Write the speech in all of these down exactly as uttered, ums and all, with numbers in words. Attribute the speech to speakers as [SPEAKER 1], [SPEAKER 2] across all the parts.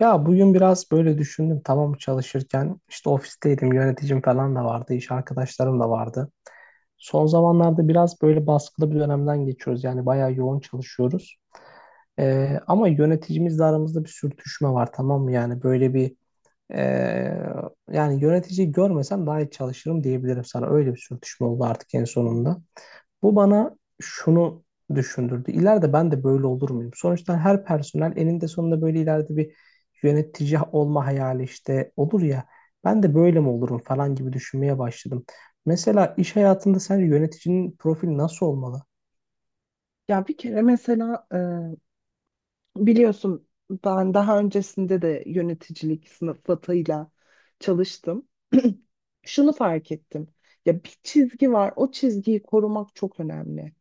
[SPEAKER 1] Ya bugün biraz böyle düşündüm, tamam, çalışırken işte ofisteydim, yöneticim falan da vardı, iş arkadaşlarım da vardı. Son zamanlarda biraz böyle baskılı bir dönemden geçiyoruz, yani bayağı yoğun çalışıyoruz. Ee, ama yöneticimizle aramızda bir sürtüşme var, tamam mı, yani böyle bir ee, yani yöneticiyi görmesem daha iyi çalışırım diyebilirim sana. Öyle bir sürtüşme oldu artık en sonunda. Bu bana şunu düşündürdü. İleride ben de böyle olur muyum? Sonuçta her personel eninde sonunda böyle ileride bir yönetici olma hayali işte olur ya. Ben de böyle mi olurum falan gibi düşünmeye başladım. Mesela iş hayatında sence yöneticinin profili nasıl olmalı?
[SPEAKER 2] Ya bir kere mesela e, biliyorsun ben daha öncesinde de yöneticilik sıfatıyla çalıştım. Şunu fark ettim. Ya bir çizgi var. O çizgiyi korumak çok önemli.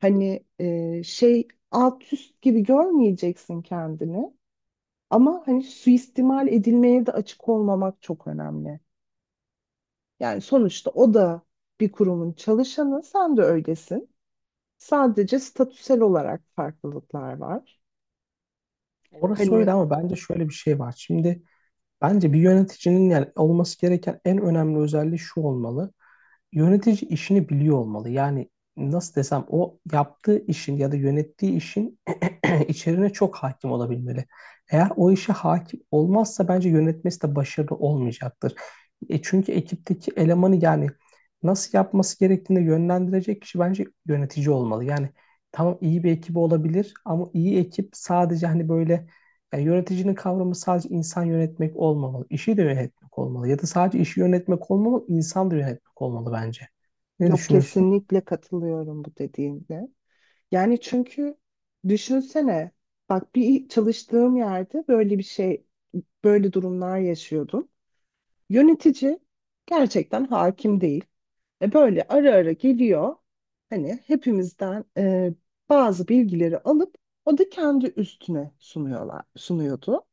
[SPEAKER 2] Hani e, şey alt üst gibi görmeyeceksin kendini, ama hani suistimal edilmeye de açık olmamak çok önemli. Yani sonuçta o da bir kurumun çalışanı, sen de öylesin. Sadece statüsel olarak farklılıklar var.
[SPEAKER 1] Orası
[SPEAKER 2] Hani
[SPEAKER 1] öyle, ama bence şöyle bir şey var. Şimdi bence bir yöneticinin, yani olması gereken en önemli özelliği şu olmalı. Yönetici işini biliyor olmalı. Yani nasıl desem, o yaptığı işin ya da yönettiği işin içeriğine çok hakim olabilmeli. Eğer o işe hakim olmazsa bence yönetmesi de başarılı olmayacaktır. E çünkü ekipteki elemanı, yani nasıl yapması gerektiğini yönlendirecek kişi bence yönetici olmalı. Yani tamam, iyi bir ekibi olabilir ama iyi ekip sadece hani böyle, yani yöneticinin kavramı sadece insan yönetmek olmamalı. İşi de yönetmek olmalı. Ya da sadece işi yönetmek olmamalı, insan da yönetmek olmalı bence. Ne
[SPEAKER 2] Yok
[SPEAKER 1] düşünüyorsun?
[SPEAKER 2] kesinlikle katılıyorum bu dediğinde. Yani çünkü düşünsene, bak, bir çalıştığım yerde böyle bir şey böyle durumlar yaşıyordum. Yönetici gerçekten hakim değil. E böyle ara ara geliyor. Hani hepimizden e, bazı bilgileri alıp o da kendi üstüne sunuyorlar, sunuyordu.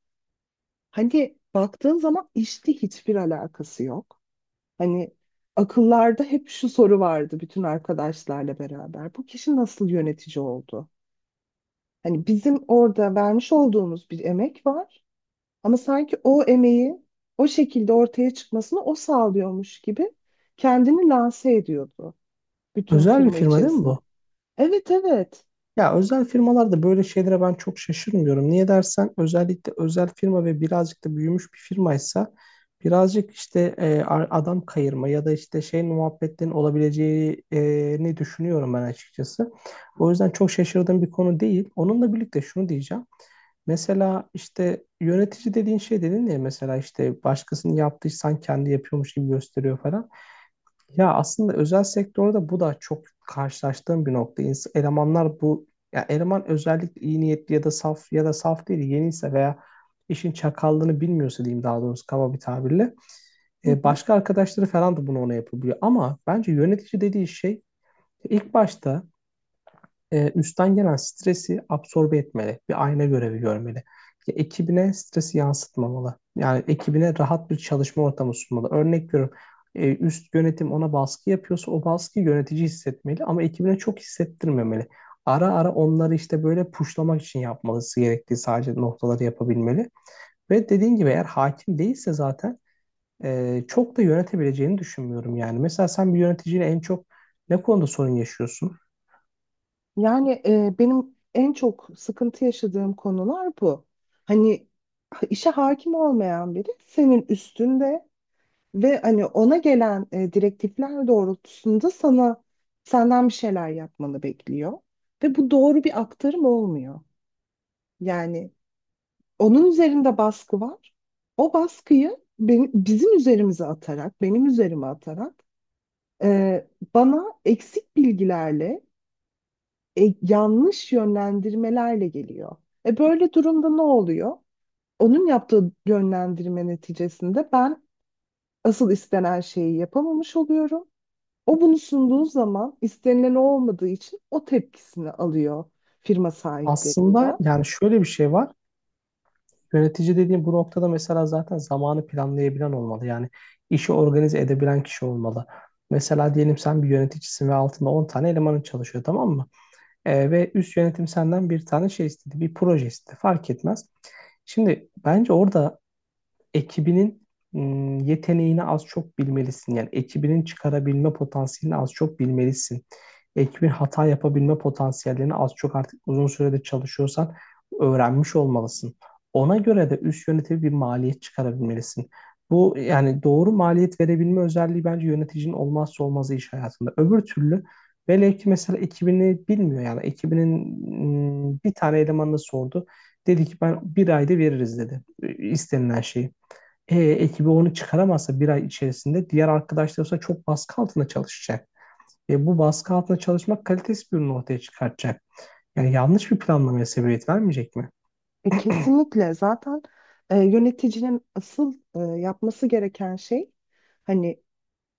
[SPEAKER 2] Hani baktığın zaman işte hiçbir alakası yok. Hani akıllarda hep şu soru vardı, bütün arkadaşlarla beraber: bu kişi nasıl yönetici oldu? Hani bizim orada vermiş olduğumuz bir emek var, ama sanki o emeği o şekilde ortaya çıkmasını o sağlıyormuş gibi kendini lanse ediyordu bütün
[SPEAKER 1] Özel bir
[SPEAKER 2] firma
[SPEAKER 1] firma değil mi
[SPEAKER 2] içerisinde.
[SPEAKER 1] bu?
[SPEAKER 2] Evet, evet.
[SPEAKER 1] Ya özel firmalarda böyle şeylere ben çok şaşırmıyorum. Niye dersen, özellikle özel firma ve birazcık da büyümüş bir firmaysa birazcık işte e, a- adam kayırma ya da işte şey muhabbetlerin olabileceğini düşünüyorum ben açıkçası. O yüzden çok şaşırdığım bir konu değil. Onunla birlikte şunu diyeceğim. Mesela işte yönetici dediğin şey, dedin ya, mesela işte başkasının yaptıysan kendi yapıyormuş gibi gösteriyor falan. Ya aslında özel sektörde bu da çok karşılaştığım bir nokta. İns- Elemanlar bu, ya eleman özellikle iyi niyetli ya da saf ya da saf değil yeniyse veya işin çakallığını bilmiyorsa diyeyim, daha doğrusu kaba bir tabirle,
[SPEAKER 2] Hı
[SPEAKER 1] e,
[SPEAKER 2] hı.
[SPEAKER 1] başka arkadaşları falan da bunu ona yapabiliyor. Ama bence yönetici dediği şey ilk başta e, üstten gelen stresi absorbe etmeli. Bir ayna görevi görmeli. Ya, ekibine stresi yansıtmamalı. Yani ekibine rahat bir çalışma ortamı sunmalı. Örnek veriyorum, e, üst yönetim ona baskı yapıyorsa o baskıyı yönetici hissetmeli ama ekibine çok hissettirmemeli. Ara ara onları işte böyle puşlamak için yapmalısı gerektiği sadece noktaları yapabilmeli. Ve dediğin gibi, eğer hakim değilse zaten e, çok da yönetebileceğini düşünmüyorum yani. Mesela sen bir yöneticiyle en çok ne konuda sorun yaşıyorsun?
[SPEAKER 2] Yani e, benim en çok sıkıntı yaşadığım konular bu. Hani işe hakim olmayan biri senin üstünde. Ve hani ona gelen e, direktifler doğrultusunda sana, senden bir şeyler yapmanı bekliyor. Ve bu doğru bir aktarım olmuyor. Yani onun üzerinde baskı var. O baskıyı benim, bizim üzerimize atarak, benim üzerime atarak e, bana eksik bilgilerle, e, yanlış yönlendirmelerle geliyor. E böyle durumda ne oluyor? Onun yaptığı yönlendirme neticesinde ben asıl istenen şeyi yapamamış oluyorum. O bunu sunduğu zaman, istenilen o olmadığı için, o tepkisini alıyor firma
[SPEAKER 1] Aslında
[SPEAKER 2] sahiplerinden.
[SPEAKER 1] yani şöyle bir şey var. Yönetici dediğim bu noktada mesela zaten zamanı planlayabilen olmalı. Yani işi organize edebilen kişi olmalı. Mesela diyelim sen bir yöneticisin ve altında on tane elemanın çalışıyor, tamam mı? Ee, ve üst yönetim senden bir tane şey istedi, bir proje istedi. Fark etmez. Şimdi bence orada ekibinin ım, yeteneğini az çok bilmelisin. Yani ekibinin çıkarabilme potansiyelini az çok bilmelisin. Ekibin hata yapabilme potansiyellerini az çok artık uzun sürede çalışıyorsan öğrenmiş olmalısın. Ona göre de üst yönetimi bir maliyet çıkarabilmelisin. Bu yani doğru maliyet verebilme özelliği bence yöneticinin olmazsa olmazı iş hayatında. Öbür türlü velev ki mesela ekibini bilmiyor, yani ekibinin ım, bir tane elemanını sordu. Dedi ki ben bir ayda veririz dedi e, istenilen şeyi. E, ekibi onu çıkaramazsa bir ay içerisinde diğer arkadaşları ise çok baskı altında çalışacak. E, bu baskı altında çalışmak kalitesiz bir ürün ortaya çıkartacak. Yani yanlış bir planlamaya sebebiyet vermeyecek mi?
[SPEAKER 2] E, kesinlikle zaten e, yöneticinin asıl e, yapması gereken şey, hani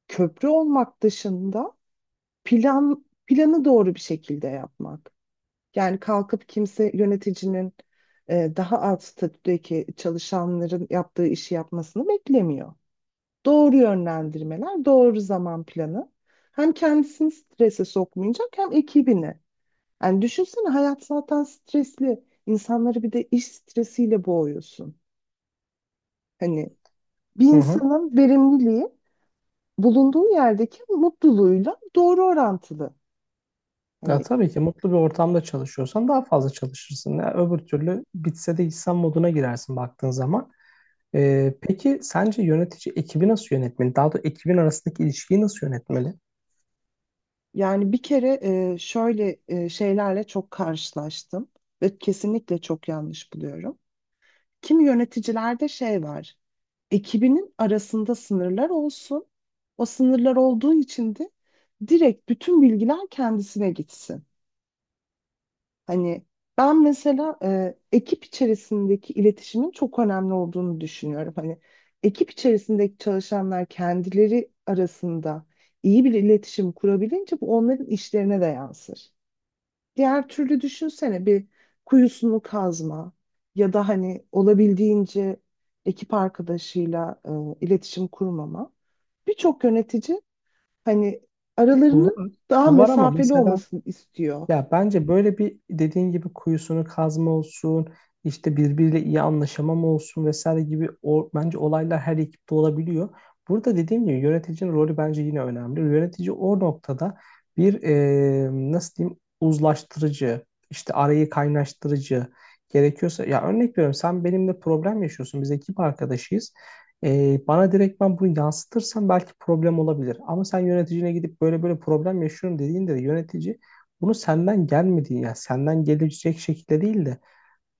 [SPEAKER 2] köprü olmak dışında, plan planı doğru bir şekilde yapmak. Yani kalkıp kimse yöneticinin e, daha alt statüdeki çalışanların yaptığı işi yapmasını beklemiyor. Doğru yönlendirmeler, doğru zaman planı hem kendisini strese sokmayacak, hem ekibini. Yani düşünsene, hayat zaten stresli. İnsanları bir de iş stresiyle boğuyorsun. Hani bir
[SPEAKER 1] Hı hı.
[SPEAKER 2] insanın verimliliği bulunduğu yerdeki mutluluğuyla doğru orantılı.
[SPEAKER 1] Ya
[SPEAKER 2] Hani.
[SPEAKER 1] tabii ki mutlu bir ortamda çalışıyorsan daha fazla çalışırsın. Ya öbür türlü bitse de insan moduna girersin baktığın zaman. Ee, peki sence yönetici ekibi nasıl yönetmeli? Daha doğrusu ekibin arasındaki ilişkiyi nasıl yönetmeli?
[SPEAKER 2] Yani bir kere e, şöyle e, şeylerle çok karşılaştım ve kesinlikle çok yanlış buluyorum. Kimi yöneticilerde şey var: ekibinin arasında sınırlar olsun. O sınırlar olduğu için de direkt bütün bilgiler kendisine gitsin. Hani ben mesela e, ekip içerisindeki iletişimin çok önemli olduğunu düşünüyorum. Hani ekip içerisindeki çalışanlar kendileri arasında iyi bir iletişim kurabilince bu onların işlerine de yansır. Diğer türlü düşünsene, bir kuyusunu kazma ya da hani olabildiğince ekip arkadaşıyla e, iletişim kurmama. Birçok yönetici hani
[SPEAKER 1] Bu
[SPEAKER 2] aralarının
[SPEAKER 1] var,
[SPEAKER 2] daha
[SPEAKER 1] bu var ama
[SPEAKER 2] mesafeli
[SPEAKER 1] mesela,
[SPEAKER 2] olmasını istiyor.
[SPEAKER 1] ya bence böyle bir dediğin gibi kuyusunu kazma olsun, işte birbiriyle iyi anlaşamam olsun vesaire gibi o, bence olaylar her ekipte olabiliyor. Burada dediğim gibi yöneticinin rolü bence yine önemli. Yönetici o noktada bir, e, nasıl diyeyim, uzlaştırıcı, işte arayı kaynaştırıcı gerekiyorsa. Ya örnek veriyorum, sen benimle problem yaşıyorsun, biz ekip arkadaşıyız. E, bana direkt ben bunu yansıtırsan belki problem olabilir. Ama sen yöneticine gidip böyle böyle problem yaşıyorum dediğinde de yönetici bunu senden gelmediğini, yani senden gelecek şekilde değil de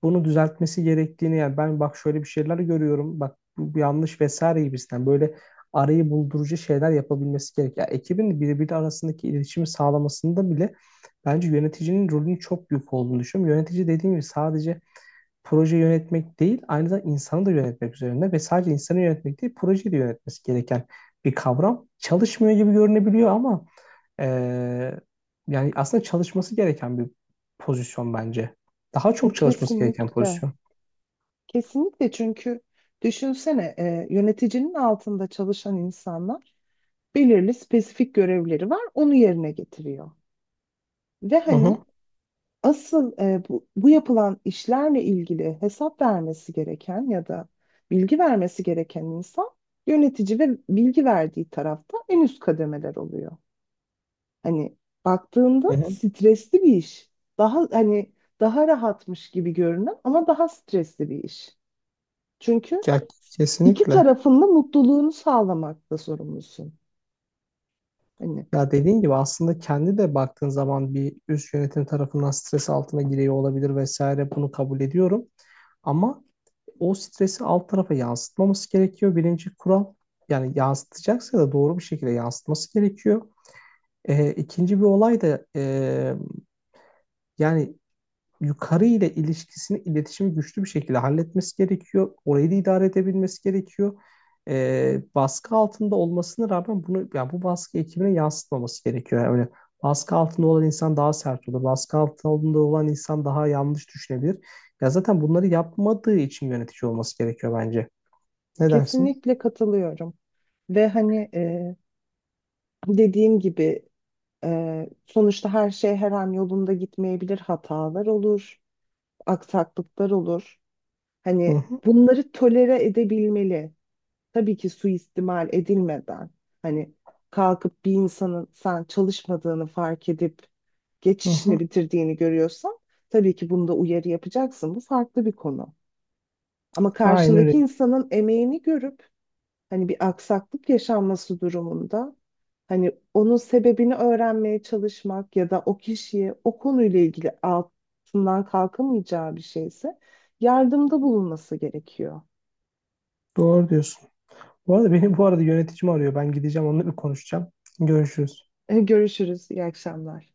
[SPEAKER 1] bunu düzeltmesi gerektiğini, yani ben bak şöyle bir şeyler görüyorum, bak bu yanlış vesaire gibisinden böyle arayı buldurucu şeyler yapabilmesi gerek. Yani ekibin birbiri arasındaki iletişimi sağlamasında bile bence yöneticinin rolünün çok büyük olduğunu düşünüyorum. Yönetici dediğim gibi sadece proje yönetmek değil, aynı zamanda insanı da yönetmek üzerine ve sadece insanı yönetmek değil, projeyi de yönetmesi gereken bir kavram. Çalışmıyor gibi görünebiliyor ama ee, yani aslında çalışması gereken bir pozisyon bence. Daha
[SPEAKER 2] E,
[SPEAKER 1] çok çalışması gereken
[SPEAKER 2] kesinlikle.
[SPEAKER 1] pozisyon.
[SPEAKER 2] Kesinlikle, çünkü düşünsene, e, yöneticinin altında çalışan insanlar, belirli spesifik görevleri var, onu yerine getiriyor. Ve
[SPEAKER 1] Hı hı,
[SPEAKER 2] hani asıl e, bu, bu yapılan işlerle ilgili hesap vermesi gereken ya da bilgi vermesi gereken insan yönetici, ve bilgi verdiği tarafta en üst kademeler oluyor. Hani
[SPEAKER 1] hı
[SPEAKER 2] baktığında
[SPEAKER 1] hı.
[SPEAKER 2] stresli bir iş. Daha hani daha rahatmış gibi görünen ama daha stresli bir iş. Çünkü
[SPEAKER 1] Ya
[SPEAKER 2] iki
[SPEAKER 1] kesinlikle.
[SPEAKER 2] tarafın da mutluluğunu sağlamakta sorumlusun. Hani
[SPEAKER 1] Ya dediğin gibi aslında kendi de baktığın zaman bir üst yönetim tarafından stres altına giriyor olabilir vesaire, bunu kabul ediyorum. Ama o stresi alt tarafa yansıtmaması gerekiyor. Birinci kural, yani yansıtacaksa da doğru bir şekilde yansıtması gerekiyor. Ee, ikinci bir olay da, e, yani yukarı ile ilişkisini, iletişimi güçlü bir şekilde halletmesi gerekiyor. Orayı da idare edebilmesi gerekiyor. Ee, baskı altında olmasına rağmen bunu, yani bu baskı ekibine yansıtmaması gerekiyor. Yani öyle, baskı altında olan insan daha sert olur. Baskı altında olan insan daha yanlış düşünebilir. Ya zaten bunları yapmadığı için yönetici olması gerekiyor bence. Ne dersin?
[SPEAKER 2] kesinlikle katılıyorum. Ve hani e, dediğim gibi, e, sonuçta her şey her an yolunda gitmeyebilir. Hatalar olur, aksaklıklar olur.
[SPEAKER 1] Hı
[SPEAKER 2] Hani
[SPEAKER 1] hı,
[SPEAKER 2] bunları tolere edebilmeli. Tabii ki suistimal edilmeden. Hani kalkıp bir insanın sen çalışmadığını fark edip
[SPEAKER 1] hı
[SPEAKER 2] geçişini
[SPEAKER 1] hı.
[SPEAKER 2] bitirdiğini görüyorsan, tabii ki bunda uyarı yapacaksın. Bu farklı bir konu. Ama
[SPEAKER 1] Aynen
[SPEAKER 2] karşındaki
[SPEAKER 1] öyle.
[SPEAKER 2] insanın emeğini görüp, hani bir aksaklık yaşanması durumunda, hani onun sebebini öğrenmeye çalışmak ya da o kişiye o konuyla ilgili, altından kalkamayacağı bir şeyse, yardımda bulunması gerekiyor.
[SPEAKER 1] Doğru diyorsun. Bu arada benim, bu arada, yöneticim arıyor. Ben gideceğim, onunla bir konuşacağım. Görüşürüz.
[SPEAKER 2] Görüşürüz, iyi akşamlar.